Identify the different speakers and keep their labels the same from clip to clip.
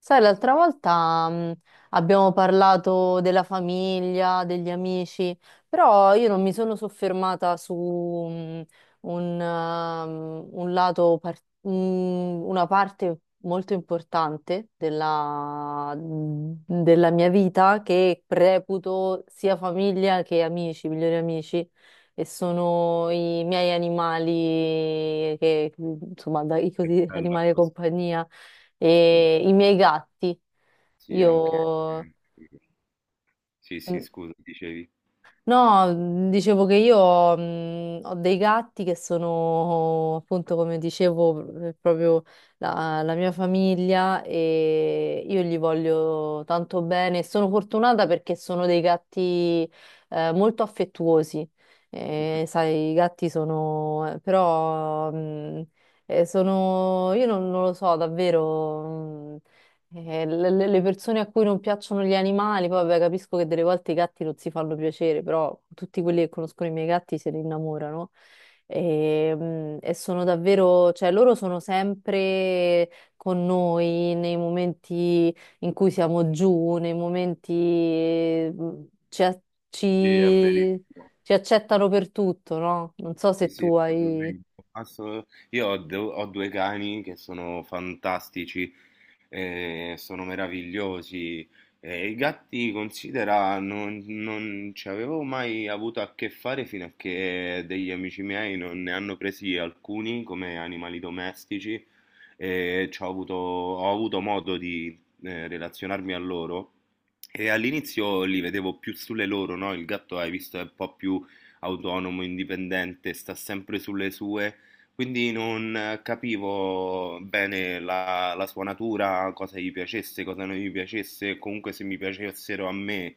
Speaker 1: Sai, l'altra volta abbiamo parlato della famiglia, degli amici, però io non mi sono soffermata su un lato, una parte molto importante della mia vita che reputo sia famiglia che amici, migliori amici, e sono i miei animali, che, insomma, dai,
Speaker 2: Che
Speaker 1: così,
Speaker 2: bella
Speaker 1: animali di
Speaker 2: cosa.
Speaker 1: compagnia e i miei gatti.
Speaker 2: Sì, anche...
Speaker 1: Io...
Speaker 2: eh, sì, sì, scusa, dicevi.
Speaker 1: No, dicevo che io ho dei gatti che sono appunto, come dicevo, proprio la mia famiglia, e io gli voglio tanto bene. Sono fortunata perché sono dei gatti molto affettuosi. Sai, i gatti sono, però, sono, io non lo so, davvero. mh, le persone a cui non piacciono gli animali, poi vabbè, capisco che delle volte i gatti non si fanno piacere, però tutti quelli che conoscono i miei gatti se ne innamorano. E sono davvero, cioè loro sono sempre con noi nei momenti in cui siamo giù, nei momenti mm, ci, a-
Speaker 2: Sì, è
Speaker 1: ci-
Speaker 2: verissimo.
Speaker 1: ci accettano per tutto, no? Non so
Speaker 2: Sì,
Speaker 1: se
Speaker 2: sì, è
Speaker 1: tu
Speaker 2: proprio
Speaker 1: hai.
Speaker 2: quello. Io ho, ho due cani che sono fantastici, sono meravigliosi. E i gatti, considera, non ci avevo mai avuto a che fare fino a che degli amici miei non ne hanno presi alcuni come animali domestici e ci ho avuto modo di relazionarmi a loro. E all'inizio li vedevo più sulle loro, no? Il gatto, hai visto, è un po' più autonomo, indipendente, sta sempre sulle sue, quindi non capivo bene la sua natura, cosa gli piacesse, cosa non gli piacesse, comunque se mi piacessero a me.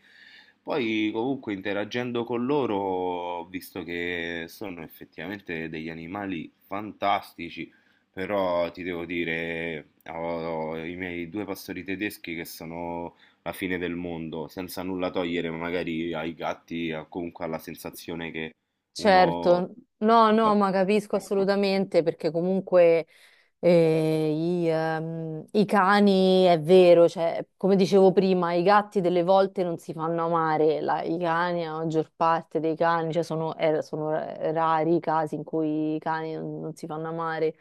Speaker 2: Poi comunque interagendo con loro ho visto che sono effettivamente degli animali fantastici, però ti devo dire, ho, ho i miei due pastori tedeschi che sono la fine del mondo, senza nulla togliere magari ai gatti, o comunque alla sensazione che uno...
Speaker 1: Certo, no, no, ma capisco assolutamente perché comunque. E i cani, è vero, cioè, come dicevo prima, i gatti delle volte non si fanno amare, i cani, la maggior parte dei cani, cioè sono rari i casi in cui i cani non si fanno amare,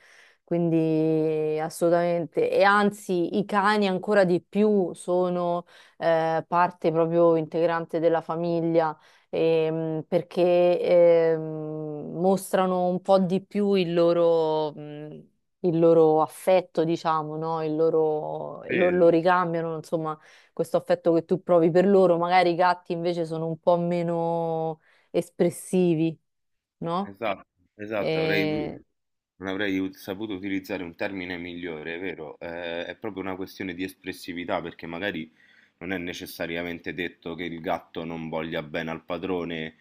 Speaker 1: quindi assolutamente. E anzi, i cani ancora di più sono parte proprio integrante della famiglia, perché mostrano un po' di più il loro affetto, diciamo, no? Il loro, lo
Speaker 2: Vero.
Speaker 1: ricambiano, insomma, questo affetto che tu provi per loro. Magari i gatti invece sono un po' meno espressivi, no?
Speaker 2: Esatto, esatto, avrei,
Speaker 1: E...
Speaker 2: non avrei saputo utilizzare un termine migliore, è vero? È proprio una questione di espressività, perché magari non è necessariamente detto che il gatto non voglia bene al padrone,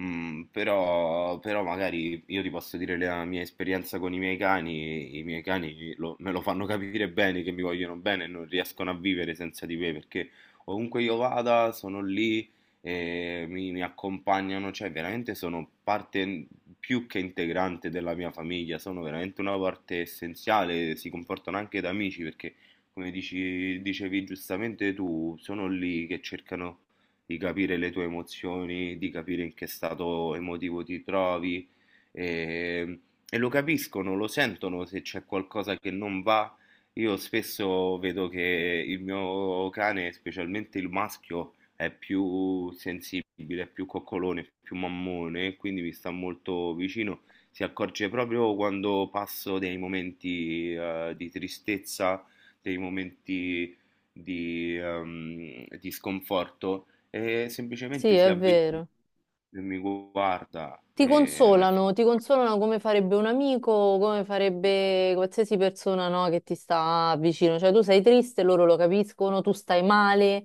Speaker 2: però, però magari io ti posso dire la mia esperienza con i miei cani me lo fanno capire bene che mi vogliono bene e non riescono a vivere senza di me, perché ovunque io vada sono lì mi accompagnano, cioè veramente sono parte più che integrante della mia famiglia, sono veramente una parte essenziale, si comportano anche da amici perché, come dicevi giustamente tu, sono lì che cercano di capire le tue emozioni, di capire in che stato emotivo ti trovi e, e lo capiscono, lo sentono se c'è qualcosa che non va. Io spesso vedo che il mio cane, specialmente il maschio, è più sensibile, è più coccolone, è più mammone, quindi mi sta molto vicino. Si accorge proprio quando passo dei momenti di tristezza, dei momenti di sconforto e
Speaker 1: Sì,
Speaker 2: semplicemente si
Speaker 1: è
Speaker 2: avvicina
Speaker 1: vero.
Speaker 2: e mi guarda. E...
Speaker 1: Ti consolano come farebbe un amico, come farebbe qualsiasi persona, no, che ti sta vicino. Cioè, tu sei triste, loro lo capiscono, tu stai male,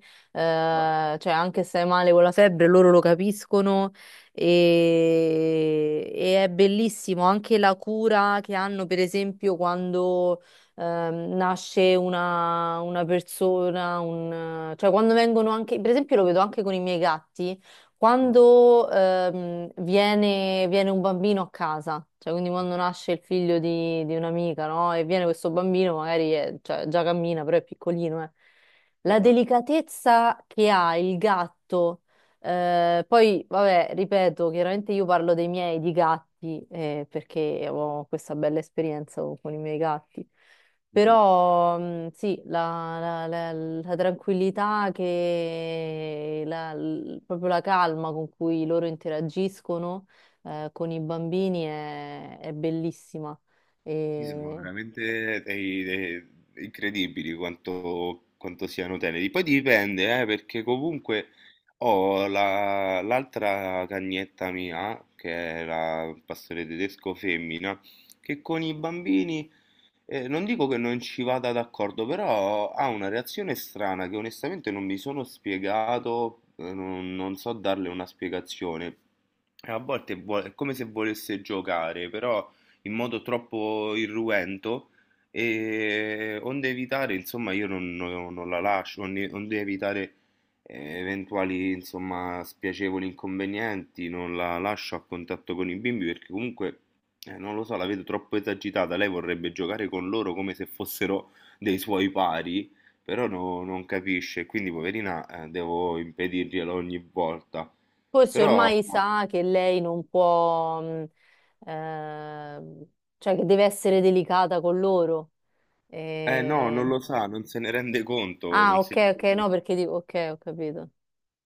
Speaker 2: No,
Speaker 1: cioè anche se stai male con la febbre, loro lo capiscono, e è bellissimo anche la cura che hanno, per esempio, quando nasce una persona, cioè quando vengono anche, per esempio lo vedo anche con i miei gatti
Speaker 2: no,
Speaker 1: quando viene un bambino a casa, cioè quindi quando nasce il figlio di un'amica, no? E viene questo bambino, magari cioè, già cammina, però è piccolino, eh.
Speaker 2: eh,
Speaker 1: La
Speaker 2: eh,
Speaker 1: delicatezza che ha il gatto, poi vabbè, ripeto, chiaramente io parlo dei miei, di gatti, perché ho questa bella esperienza con i miei gatti.
Speaker 2: mhm.
Speaker 1: Però sì, la tranquillità che proprio la calma con cui loro interagiscono con i bambini è bellissima.
Speaker 2: Sì, sono
Speaker 1: E
Speaker 2: veramente dei incredibili quanto, quanto siano teneri. Poi dipende, perché comunque ho l'altra cagnetta mia, che è la pastore tedesco femmina, che con i bambini, non dico che non ci vada d'accordo, però ha una reazione strana che onestamente non mi sono spiegato, non so darle una spiegazione. A volte è come se volesse giocare, però in modo troppo irruento e onde evitare, insomma, io non la lascio, onde evitare eventuali, insomma, spiacevoli inconvenienti, non la lascio a contatto con i bimbi perché comunque, non lo so, la vedo troppo esagitata, lei vorrebbe giocare con loro come se fossero dei suoi pari, però non capisce, quindi poverina, devo impedirglielo ogni volta.
Speaker 1: forse
Speaker 2: Però,
Speaker 1: ormai sa che lei non può, ehm, cioè che deve essere delicata con loro.
Speaker 2: eh no, non
Speaker 1: E-
Speaker 2: lo sa, non se ne rende conto,
Speaker 1: Ah,
Speaker 2: non
Speaker 1: ok,
Speaker 2: si...
Speaker 1: ok, no, perché dico, ok, ho capito.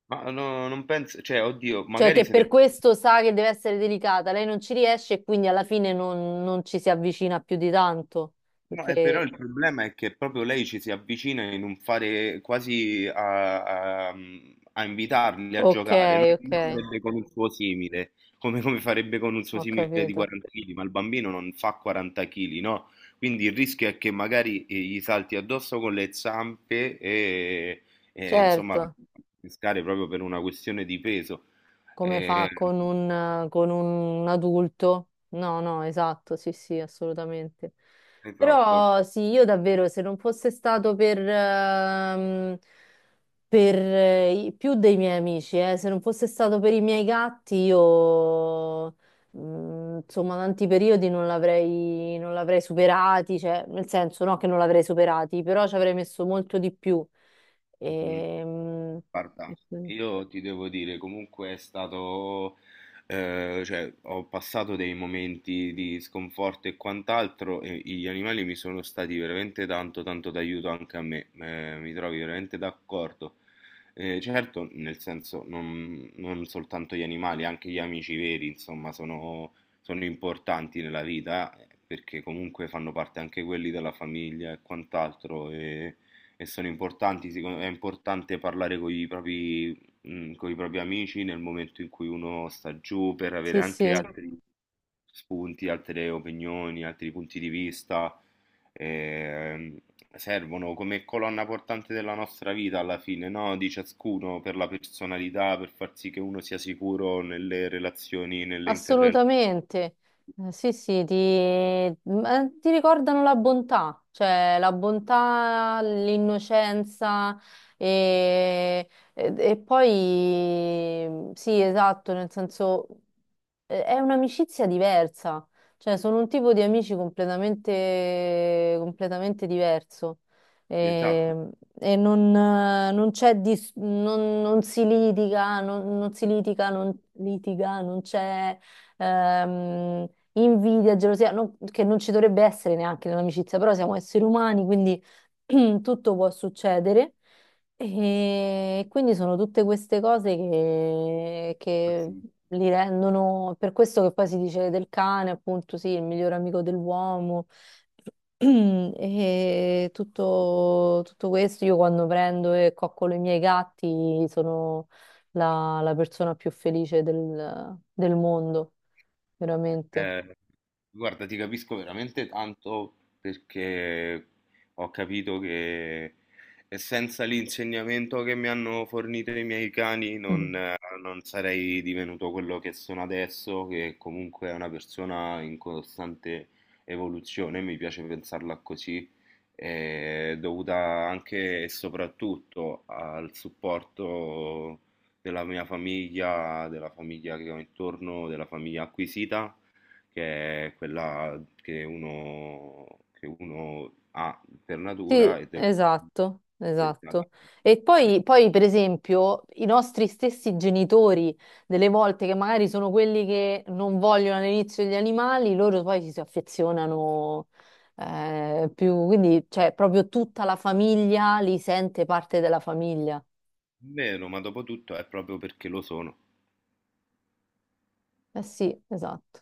Speaker 2: Ma no, non penso, cioè, oddio,
Speaker 1: Cioè
Speaker 2: magari
Speaker 1: che
Speaker 2: se
Speaker 1: per
Speaker 2: ne...
Speaker 1: questo sa che deve essere delicata, lei non ci riesce e quindi alla fine non ci si avvicina più di tanto.
Speaker 2: No, però
Speaker 1: Perché...
Speaker 2: il problema è che proprio lei ci si avvicina in un fare quasi a, a invitarli a
Speaker 1: Ok,
Speaker 2: giocare, non
Speaker 1: ok,
Speaker 2: come farebbe con un suo simile, come farebbe con un suo
Speaker 1: ho
Speaker 2: simile di
Speaker 1: capito.
Speaker 2: 40 kg, ma il bambino non fa 40 kg, no? Quindi il rischio è che magari gli salti addosso con le zampe e, insomma,
Speaker 1: Certo.
Speaker 2: pescare proprio per una questione di peso.
Speaker 1: Come
Speaker 2: Eh,
Speaker 1: fa con un adulto. No, no, esatto, sì, sì, assolutamente.
Speaker 2: esatto.
Speaker 1: Però sì, io davvero, se non fosse stato per più dei miei amici, se non fosse stato per i miei gatti, io, insomma, tanti periodi non l'avrei superati, cioè, nel senso, no, che non l'avrei superati, però ci avrei messo molto di più. Ehm,
Speaker 2: Guarda,
Speaker 1: e quindi-
Speaker 2: io ti devo dire, comunque è stato, cioè, ho passato dei momenti di sconforto e quant'altro e gli animali mi sono stati veramente tanto, tanto d'aiuto anche a me, mi trovi veramente d'accordo. Certo, nel senso, non soltanto gli animali, anche gli amici veri, insomma, sono, sono importanti nella vita, perché comunque fanno parte anche quelli della famiglia e quant'altro. E sono importanti, me è importante parlare con i propri, con i propri amici nel momento in cui uno sta giù per avere
Speaker 1: sì,
Speaker 2: anche
Speaker 1: sì.
Speaker 2: altri spunti, altre opinioni, altri punti di vista. ehm, Servono come colonna portante della nostra vita alla fine, no? Di ciascuno per la personalità, per far sì che uno sia sicuro nelle relazioni, nelle interrelazioni.
Speaker 1: Assolutamente. Sì, sì, ma ti ricordano la bontà, cioè la bontà, l'innocenza, e, e poi sì, esatto, nel senso è un'amicizia diversa, cioè sono un tipo di amici completamente, completamente diverso,
Speaker 2: Sì, esatto.
Speaker 1: e, e non c'è non si litiga, non c'è ehm, invidia, gelosia, che non ci dovrebbe essere neanche nell'amicizia, però siamo esseri umani, quindi tutto può succedere. E quindi sono tutte queste cose che,
Speaker 2: Sì,
Speaker 1: che
Speaker 2: sì.
Speaker 1: li rendono, per questo che poi si dice del cane, appunto, sì, il miglior amico dell'uomo. E tutto, tutto questo, io quando prendo e coccolo i miei gatti, sono la persona più felice del mondo veramente.
Speaker 2: Eh, guarda, ti capisco veramente tanto perché ho capito che senza l'insegnamento che mi hanno fornito i miei cani non,
Speaker 1: Mm.
Speaker 2: non sarei divenuto quello che sono adesso, che comunque è una persona in costante evoluzione, mi piace pensarla così, dovuta anche e soprattutto al supporto della mia famiglia, della famiglia che ho intorno, della famiglia acquisita che è quella che uno ha per
Speaker 1: Sì,
Speaker 2: natura e del
Speaker 1: esatto,
Speaker 2: Esatto.
Speaker 1: esatto. E poi, per esempio, i nostri stessi genitori, delle volte che magari sono quelli che non vogliono all'inizio gli animali, loro poi ci si affezionano più, quindi cioè, proprio tutta la famiglia li sente parte della famiglia.
Speaker 2: Vero, ma dopo tutto è proprio perché lo sono.
Speaker 1: Eh sì, esatto.